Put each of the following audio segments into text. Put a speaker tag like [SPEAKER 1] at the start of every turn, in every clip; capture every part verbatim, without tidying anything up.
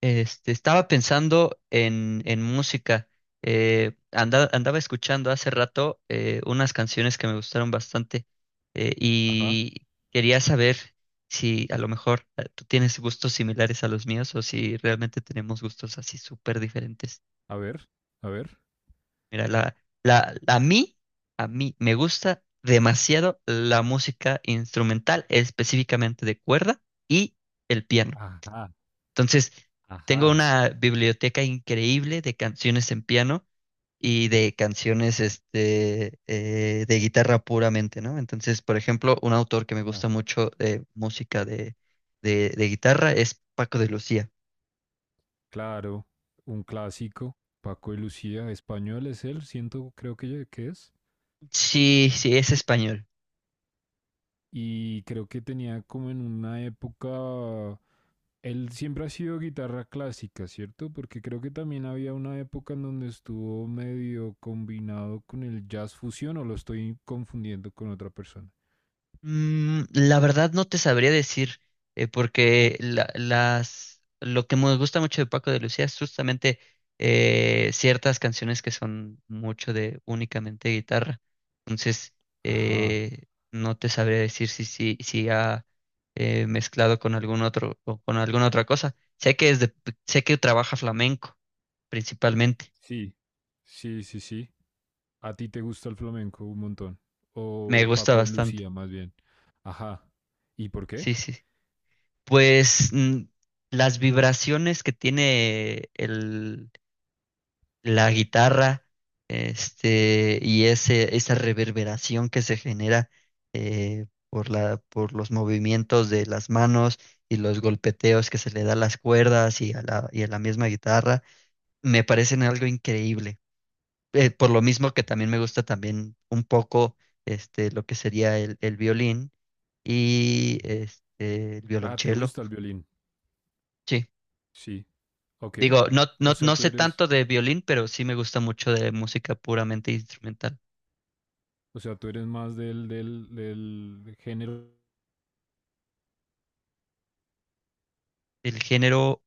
[SPEAKER 1] Este, estaba pensando en, en música. Eh, anda- andaba escuchando hace rato eh, unas canciones que me gustaron bastante eh,
[SPEAKER 2] Ajá,
[SPEAKER 1] y quería saber si a lo mejor eh, tú tienes gustos similares a los míos o si realmente tenemos gustos así súper diferentes.
[SPEAKER 2] a ver, a ver.
[SPEAKER 1] Mira, la, la, a mí, a mí me gusta demasiado la música instrumental, específicamente de cuerda y el piano.
[SPEAKER 2] Ajá,
[SPEAKER 1] Entonces, tengo
[SPEAKER 2] ajá,
[SPEAKER 1] una biblioteca increíble de canciones en piano y de canciones este, eh, de guitarra puramente, ¿no? Entonces, por ejemplo, un autor que me
[SPEAKER 2] ah,
[SPEAKER 1] gusta mucho de música de, de, de guitarra es Paco de Lucía.
[SPEAKER 2] claro, un clásico. Paco y Lucía, español es él, siento, creo que, ya- que es.
[SPEAKER 1] Sí, sí, es español.
[SPEAKER 2] Y creo que tenía como en una época. Él siempre ha sido guitarra clásica, ¿cierto? Porque creo que también había una época en donde estuvo medio combinado con el jazz fusión, o lo estoy confundiendo con otra persona.
[SPEAKER 1] Mm, la verdad no te sabría decir, eh, porque la- las, lo que me gusta mucho de Paco de Lucía es justamente eh, ciertas canciones que son mucho de únicamente guitarra. Entonces,
[SPEAKER 2] Ajá,
[SPEAKER 1] eh, no te sabría decir si, si, si ha eh, mezclado con algún otro o con alguna otra cosa. Sé que es de- sé que trabaja flamenco principalmente.
[SPEAKER 2] sí, sí, sí, sí. ¿A ti te gusta el flamenco un montón?
[SPEAKER 1] Me
[SPEAKER 2] O
[SPEAKER 1] gusta
[SPEAKER 2] Paco de
[SPEAKER 1] bastante.
[SPEAKER 2] Lucía, más bien. Ajá. ¿Y por qué?
[SPEAKER 1] Sí, sí, sí. Pues mm, las vibraciones que tiene el, la guitarra, este, y ese, esa reverberación que se genera eh, por la, por los movimientos de las manos y los golpeteos que se le da a las cuerdas y a la, y a la misma guitarra, me parecen algo increíble. Eh, por lo mismo que
[SPEAKER 2] Ujú,
[SPEAKER 1] también me gusta también un poco este, lo que sería el, el violín y
[SPEAKER 2] ujú.
[SPEAKER 1] este, el
[SPEAKER 2] Ah, ¿te
[SPEAKER 1] violonchelo.
[SPEAKER 2] gusta el violín?
[SPEAKER 1] Sí.
[SPEAKER 2] Sí. Ok.
[SPEAKER 1] Digo, no,
[SPEAKER 2] O
[SPEAKER 1] no,
[SPEAKER 2] sea,
[SPEAKER 1] no
[SPEAKER 2] tú
[SPEAKER 1] sé
[SPEAKER 2] eres,
[SPEAKER 1] tanto de violín, pero sí me gusta mucho de música puramente instrumental.
[SPEAKER 2] o sea, tú eres más del, del, del género
[SPEAKER 1] El género,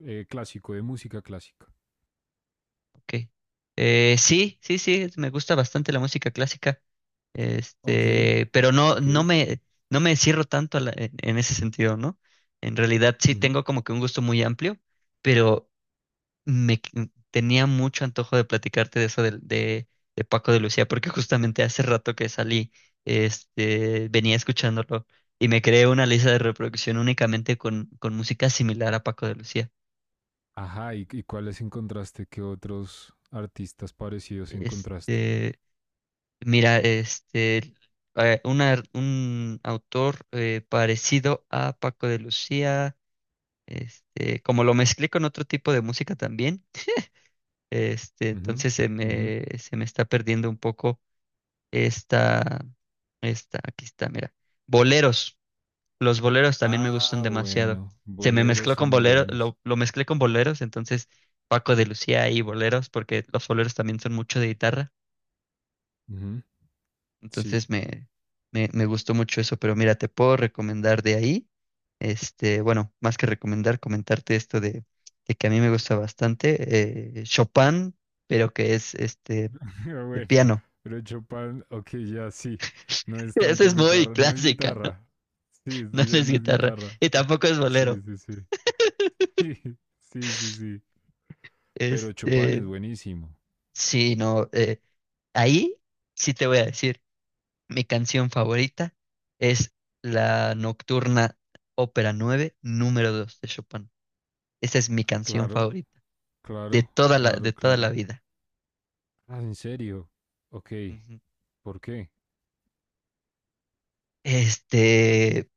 [SPEAKER 2] eh, clásico, de música clásica.
[SPEAKER 1] ok. Eh, sí, sí, sí, me gusta bastante la música clásica.
[SPEAKER 2] Ok,
[SPEAKER 1] Este, pero no,
[SPEAKER 2] ok.
[SPEAKER 1] no me, no me cierro tanto a la- en, en ese sentido, ¿no? En realidad sí
[SPEAKER 2] Ujú.
[SPEAKER 1] tengo como que un gusto muy amplio, pero me qu- mm, tenía mucho antojo de platicarte de eso del- de, de Paco de Lucía, porque justamente hace rato que salí, este, venía escuchándolo y me creé una lista de reproducción únicamente con, con música similar a Paco de Lucía.
[SPEAKER 2] Ajá, ¿y, y cuáles encontraste? ¿Qué otros artistas parecidos encontraste?
[SPEAKER 1] Este, Mira, este, eh, una- un autor eh, parecido a Paco de Lucía, este, como lo mezclé con otro tipo de música también, este,
[SPEAKER 2] Ujú,
[SPEAKER 1] entonces se
[SPEAKER 2] ujú.
[SPEAKER 1] me, se me está perdiendo un poco. Esta, esta, Aquí está, mira. Boleros. Los boleros también me gustan
[SPEAKER 2] Ah,
[SPEAKER 1] demasiado.
[SPEAKER 2] bueno,
[SPEAKER 1] Se me
[SPEAKER 2] boleros
[SPEAKER 1] mezcló
[SPEAKER 2] son
[SPEAKER 1] con
[SPEAKER 2] muy
[SPEAKER 1] boleros,
[SPEAKER 2] buenos.
[SPEAKER 1] lo, lo mezclé con boleros, entonces Paco de Lucía y boleros, porque los boleros también son mucho de guitarra.
[SPEAKER 2] Ujú, sí.
[SPEAKER 1] Entonces me, me, me gustó mucho eso, pero mira, te puedo recomendar de ahí. Este, bueno, más que recomendar, comentarte esto de, de que a mí me gusta bastante. eh, Chopin, pero que es este
[SPEAKER 2] Pero
[SPEAKER 1] de
[SPEAKER 2] bueno,
[SPEAKER 1] piano.
[SPEAKER 2] pero Chopin, ok, ya sí. No es
[SPEAKER 1] Esa
[SPEAKER 2] tanto
[SPEAKER 1] es muy
[SPEAKER 2] guitarra, no es
[SPEAKER 1] clásica, ¿no?
[SPEAKER 2] guitarra. Sí, esto
[SPEAKER 1] No, no
[SPEAKER 2] ya
[SPEAKER 1] es
[SPEAKER 2] no es
[SPEAKER 1] guitarra.
[SPEAKER 2] guitarra.
[SPEAKER 1] Y tampoco es
[SPEAKER 2] Sí,
[SPEAKER 1] bolero.
[SPEAKER 2] sí, sí. Sí, sí, sí. Pero Chopin es
[SPEAKER 1] Este,
[SPEAKER 2] buenísimo.
[SPEAKER 1] sí, no. Eh, ahí sí te voy a decir, mi canción favorita es la Nocturna Ópera nueve número dos de Chopin. Esa es mi canción
[SPEAKER 2] Claro,
[SPEAKER 1] favorita de
[SPEAKER 2] claro,
[SPEAKER 1] toda la,
[SPEAKER 2] claro,
[SPEAKER 1] de toda la
[SPEAKER 2] claro.
[SPEAKER 1] vida.
[SPEAKER 2] Ah, ¿en serio? Ok,
[SPEAKER 1] Ujú.
[SPEAKER 2] ¿por qué?
[SPEAKER 1] Este,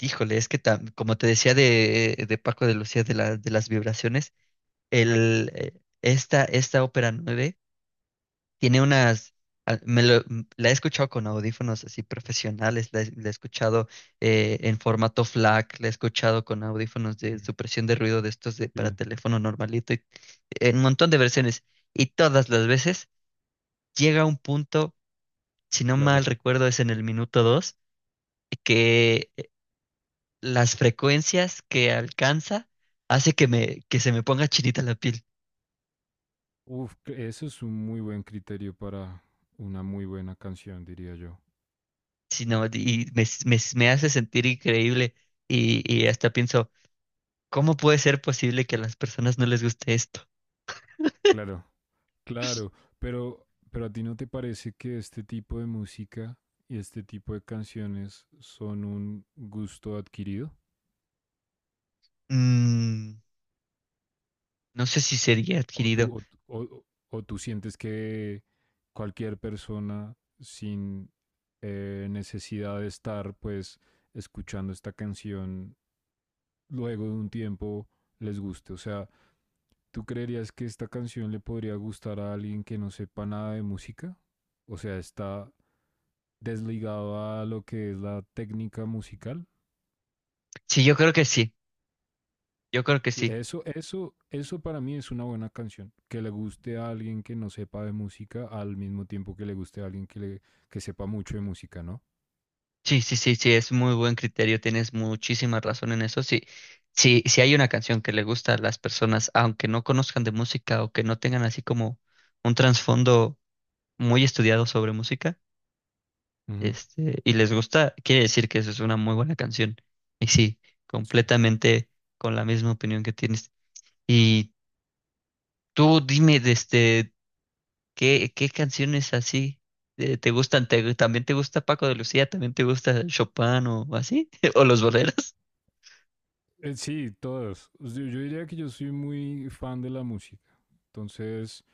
[SPEAKER 1] Híjole, es que tam- como te decía de, de Paco de Lucía de, la- de las vibraciones, el, eh, esta, esta ópera nueve tiene unas, a- me lo- m- la he escuchado con audífonos así profesionales, la he, la he escuchado eh, en formato FLAC, la he escuchado con audífonos de
[SPEAKER 2] Mm.
[SPEAKER 1] supresión de ruido de estos de, para
[SPEAKER 2] Sí,
[SPEAKER 1] teléfono normalito, y- en un montón de versiones. Y todas las veces llega un punto, si no
[SPEAKER 2] claro.
[SPEAKER 1] mal recuerdo es en el minuto dos, que eh, las frecuencias que alcanza hace que, me, que se me ponga chinita la piel,
[SPEAKER 2] Uf, que eso es un muy buen criterio para una muy buena canción, diría yo.
[SPEAKER 1] sino, y me, me me hace sentir increíble y, y hasta pienso. ¿Cómo puede ser posible que a las personas no les guste esto?
[SPEAKER 2] Claro, claro, pero, pero ¿a ti no te parece que este tipo de música y este tipo de canciones son un gusto adquirido?
[SPEAKER 1] Mm, no sé si sería
[SPEAKER 2] ¿O
[SPEAKER 1] adquirido.
[SPEAKER 2] tú, o, tú- o- o o tú sientes que cualquier persona sin eh, necesidad de estar pues escuchando esta canción luego de un tiempo les guste? O sea, ¿tú creerías que esta canción le podría gustar a alguien que no sepa nada de música? O sea, está desligado a lo que es la técnica musical.
[SPEAKER 1] Sí, yo creo que sí. Yo creo que sí.
[SPEAKER 2] Eso, eso, eso para mí es una buena canción. Que le guste a alguien que no sepa de música al mismo tiempo que le guste a alguien que, le, que sepa mucho de música, ¿no?
[SPEAKER 1] Sí, sí, sí, sí, es muy buen criterio. Tienes muchísima razón en eso. Sí, sí, si hay una canción que le gusta a las personas, aunque no conozcan de música o que no tengan así como un trasfondo muy estudiado sobre música,
[SPEAKER 2] Ujú.
[SPEAKER 1] este, y les gusta, quiere decir que eso es una muy buena canción. Y sí,
[SPEAKER 2] Sí.
[SPEAKER 1] completamente con la misma opinión que tienes. Y tú dime, de este. ¿Qué, qué canciones así eh, te gustan? ¿Te- también te gusta Paco de Lucía? ¿También te gusta Chopin o así? ¿O los boleros?
[SPEAKER 2] Eh, sí, todas. O yo diría que yo soy muy fan de la música. Entonces,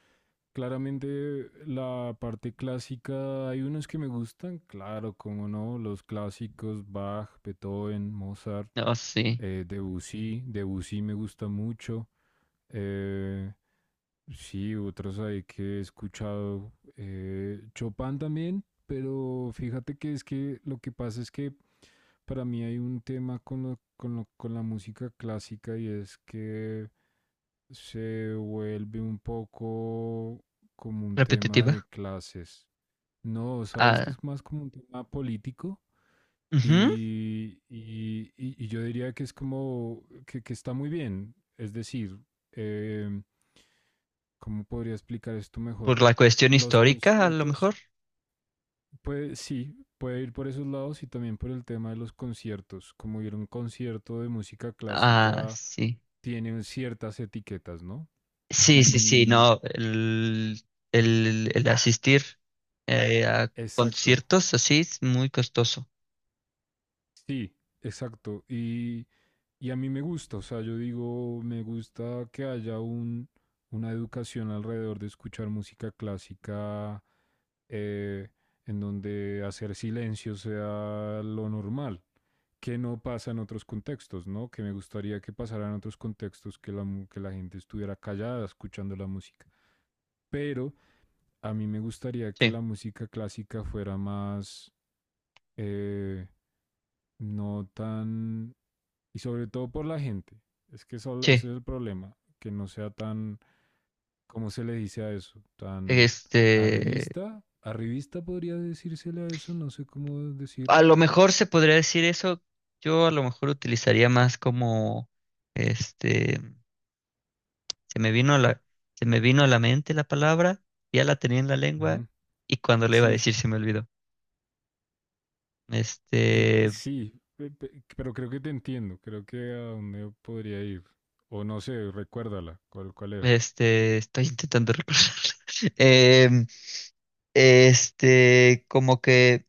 [SPEAKER 2] claramente la parte clásica, hay unos que me gustan, claro, como no, los clásicos, Bach, Beethoven, Mozart,
[SPEAKER 1] No, sí.
[SPEAKER 2] eh, Debussy, Debussy me gusta mucho. eh, sí, otros ahí que he escuchado, eh, Chopin también, pero fíjate que es que lo que pasa es que para mí hay un tema con, lo- con, lo- con la música clásica y es que se vuelve un poco como un tema
[SPEAKER 1] Repetitiva.
[SPEAKER 2] de clases. No, sabes que
[SPEAKER 1] Ah,
[SPEAKER 2] es más como un tema político
[SPEAKER 1] ujú.
[SPEAKER 2] y, y- y- y yo diría que es como que, que está muy bien. Es decir, em, ¿cómo podría explicar esto mejor?
[SPEAKER 1] Por la cuestión
[SPEAKER 2] Los
[SPEAKER 1] histórica, a lo mejor.
[SPEAKER 2] conciertos puede, sí, puede ir por esos lados y también por el tema de los conciertos. Como ir a un concierto de música
[SPEAKER 1] Ah,
[SPEAKER 2] clásica
[SPEAKER 1] sí.
[SPEAKER 2] tiene ciertas etiquetas, ¿no?
[SPEAKER 1] Sí, sí, sí,
[SPEAKER 2] Y
[SPEAKER 1] no. El, el, el asistir eh, a
[SPEAKER 2] exacto,
[SPEAKER 1] conciertos así es muy costoso.
[SPEAKER 2] sí, exacto. Y, y a mí me gusta, o sea, yo digo, me gusta que haya un, una educación alrededor de escuchar música clásica eh, en donde hacer silencio sea lo normal. Que no pasa en otros contextos, ¿no? Que me gustaría que pasara en otros contextos, que la, mu- que la gente estuviera callada escuchando la música. Pero a mí me gustaría que
[SPEAKER 1] Sí,
[SPEAKER 2] la música clásica fuera más, eh, no tan, y sobre todo por la gente. Es que eso-
[SPEAKER 1] sí.
[SPEAKER 2] ese es el problema, que no sea tan, ¿cómo se le dice a eso? Tan
[SPEAKER 1] Este.
[SPEAKER 2] arribista, arribista podría decírsele a eso, no sé cómo
[SPEAKER 1] A
[SPEAKER 2] decirlo.
[SPEAKER 1] lo mejor se podría decir eso. Yo a lo mejor utilizaría más como, este, se me vino a la, se me vino a la mente la palabra, ya la tenía en la lengua
[SPEAKER 2] Ujú,
[SPEAKER 1] y cuando le iba a
[SPEAKER 2] sí.
[SPEAKER 1] decir se me olvidó.
[SPEAKER 2] Eh, p-
[SPEAKER 1] Este,
[SPEAKER 2] sí, pe- pe- pero creo que te entiendo. Creo que a dónde podría ir. O no sé, recuérdala. ¿Cuál, cuál era?
[SPEAKER 1] este, Estoy intentando recordar. Em, este, Como que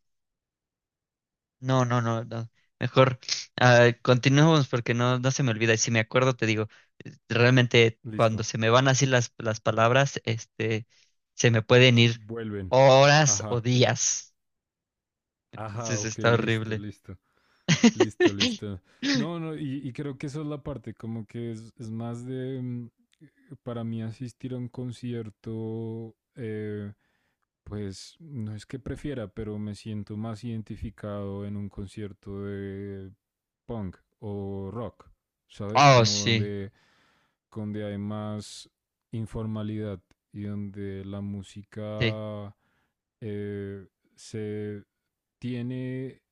[SPEAKER 1] no, no, no, no. Mejor, ah, continuemos porque no, no se me olvida. Y si me acuerdo, te digo, eh, realmente cuando
[SPEAKER 2] Listo.
[SPEAKER 1] se me van así las, las palabras, este, se me pueden ir
[SPEAKER 2] Vuelven.
[SPEAKER 1] horas o
[SPEAKER 2] Ajá.
[SPEAKER 1] días.
[SPEAKER 2] Ajá,
[SPEAKER 1] Entonces
[SPEAKER 2] ok,
[SPEAKER 1] está
[SPEAKER 2] listo,
[SPEAKER 1] horrible.
[SPEAKER 2] listo. Listo, listo. No, no, y, y creo que esa es la parte, como que es, es más de, mm, eh, para mí asistir a un concierto, eh, pues no es que prefiera, pero me siento más identificado en un concierto de punk o rock, ¿sabes?
[SPEAKER 1] Oh,
[SPEAKER 2] Como
[SPEAKER 1] sí,
[SPEAKER 2] donde, donde hay más informalidad y donde la
[SPEAKER 1] sí,
[SPEAKER 2] música eh, se tiene,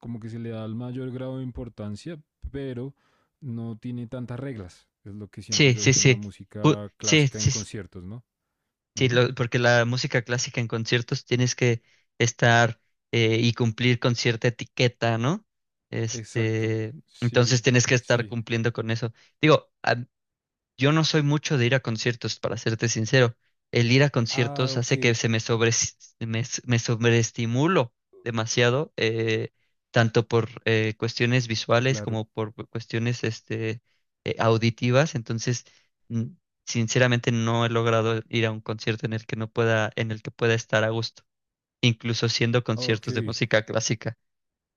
[SPEAKER 2] como que se le da el mayor grado de importancia, pero no tiene tantas reglas. Es lo que siento
[SPEAKER 1] sí,
[SPEAKER 2] yo
[SPEAKER 1] sí,
[SPEAKER 2] con la
[SPEAKER 1] sí. Ju-
[SPEAKER 2] música
[SPEAKER 1] Sí,
[SPEAKER 2] clásica en
[SPEAKER 1] sí,
[SPEAKER 2] conciertos, ¿no?
[SPEAKER 1] sí,
[SPEAKER 2] Ujú.
[SPEAKER 1] lo- porque la música clásica en conciertos tienes que estar eh, y cumplir con cierta etiqueta, ¿no?
[SPEAKER 2] Exacto.
[SPEAKER 1] Este,
[SPEAKER 2] Sí,
[SPEAKER 1] entonces tienes que estar
[SPEAKER 2] sí.
[SPEAKER 1] cumpliendo con eso. Digo, yo no soy mucho de ir a conciertos, para serte sincero. El ir a
[SPEAKER 2] Ah,
[SPEAKER 1] conciertos
[SPEAKER 2] ok.
[SPEAKER 1] hace que se me sobre, me, s- me sobreestimulo demasiado, eh, tanto por eh, cuestiones visuales
[SPEAKER 2] Claro.
[SPEAKER 1] como por cuestiones este, eh, auditivas. Entonces, mm, sinceramente no he logrado ir a un concierto en el que no pueda, en el que pueda estar a gusto, incluso siendo
[SPEAKER 2] Ok.
[SPEAKER 1] conciertos de música clásica.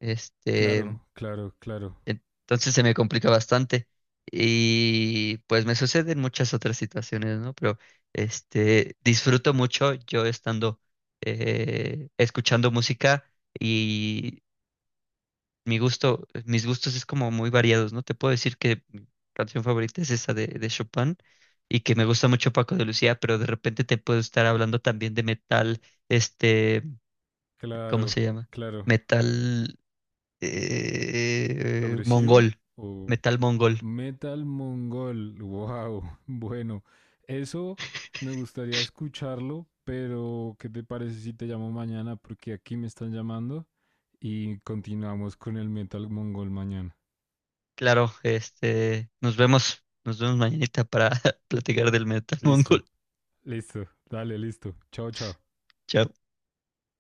[SPEAKER 1] Este,
[SPEAKER 2] Claro, claro, claro.
[SPEAKER 1] entonces se me complica bastante. Y pues me suceden muchas otras situaciones, ¿no? Pero este disfruto mucho yo estando eh, escuchando música y mi gusto, mis gustos es como muy variados, ¿no? Te puedo decir que mi canción favorita es esa de, de Chopin y que me gusta mucho Paco de Lucía, pero de repente te puedo estar hablando también de metal, este, ¿cómo
[SPEAKER 2] Claro,
[SPEAKER 1] se llama?
[SPEAKER 2] claro.
[SPEAKER 1] Metal eh,
[SPEAKER 2] ¿Progresivo
[SPEAKER 1] mongol,
[SPEAKER 2] o
[SPEAKER 1] Metal mongol.
[SPEAKER 2] metal mongol? Wow. Bueno, eso me gustaría escucharlo, pero ¿qué te parece si te llamo mañana? Porque aquí me están llamando y continuamos con el metal mongol mañana.
[SPEAKER 1] Claro, este, nos vemos, nos vemos mañanita para platicar del Metal
[SPEAKER 2] Listo,
[SPEAKER 1] Mongol.
[SPEAKER 2] listo. Dale, listo. Chao, chao.
[SPEAKER 1] Chao.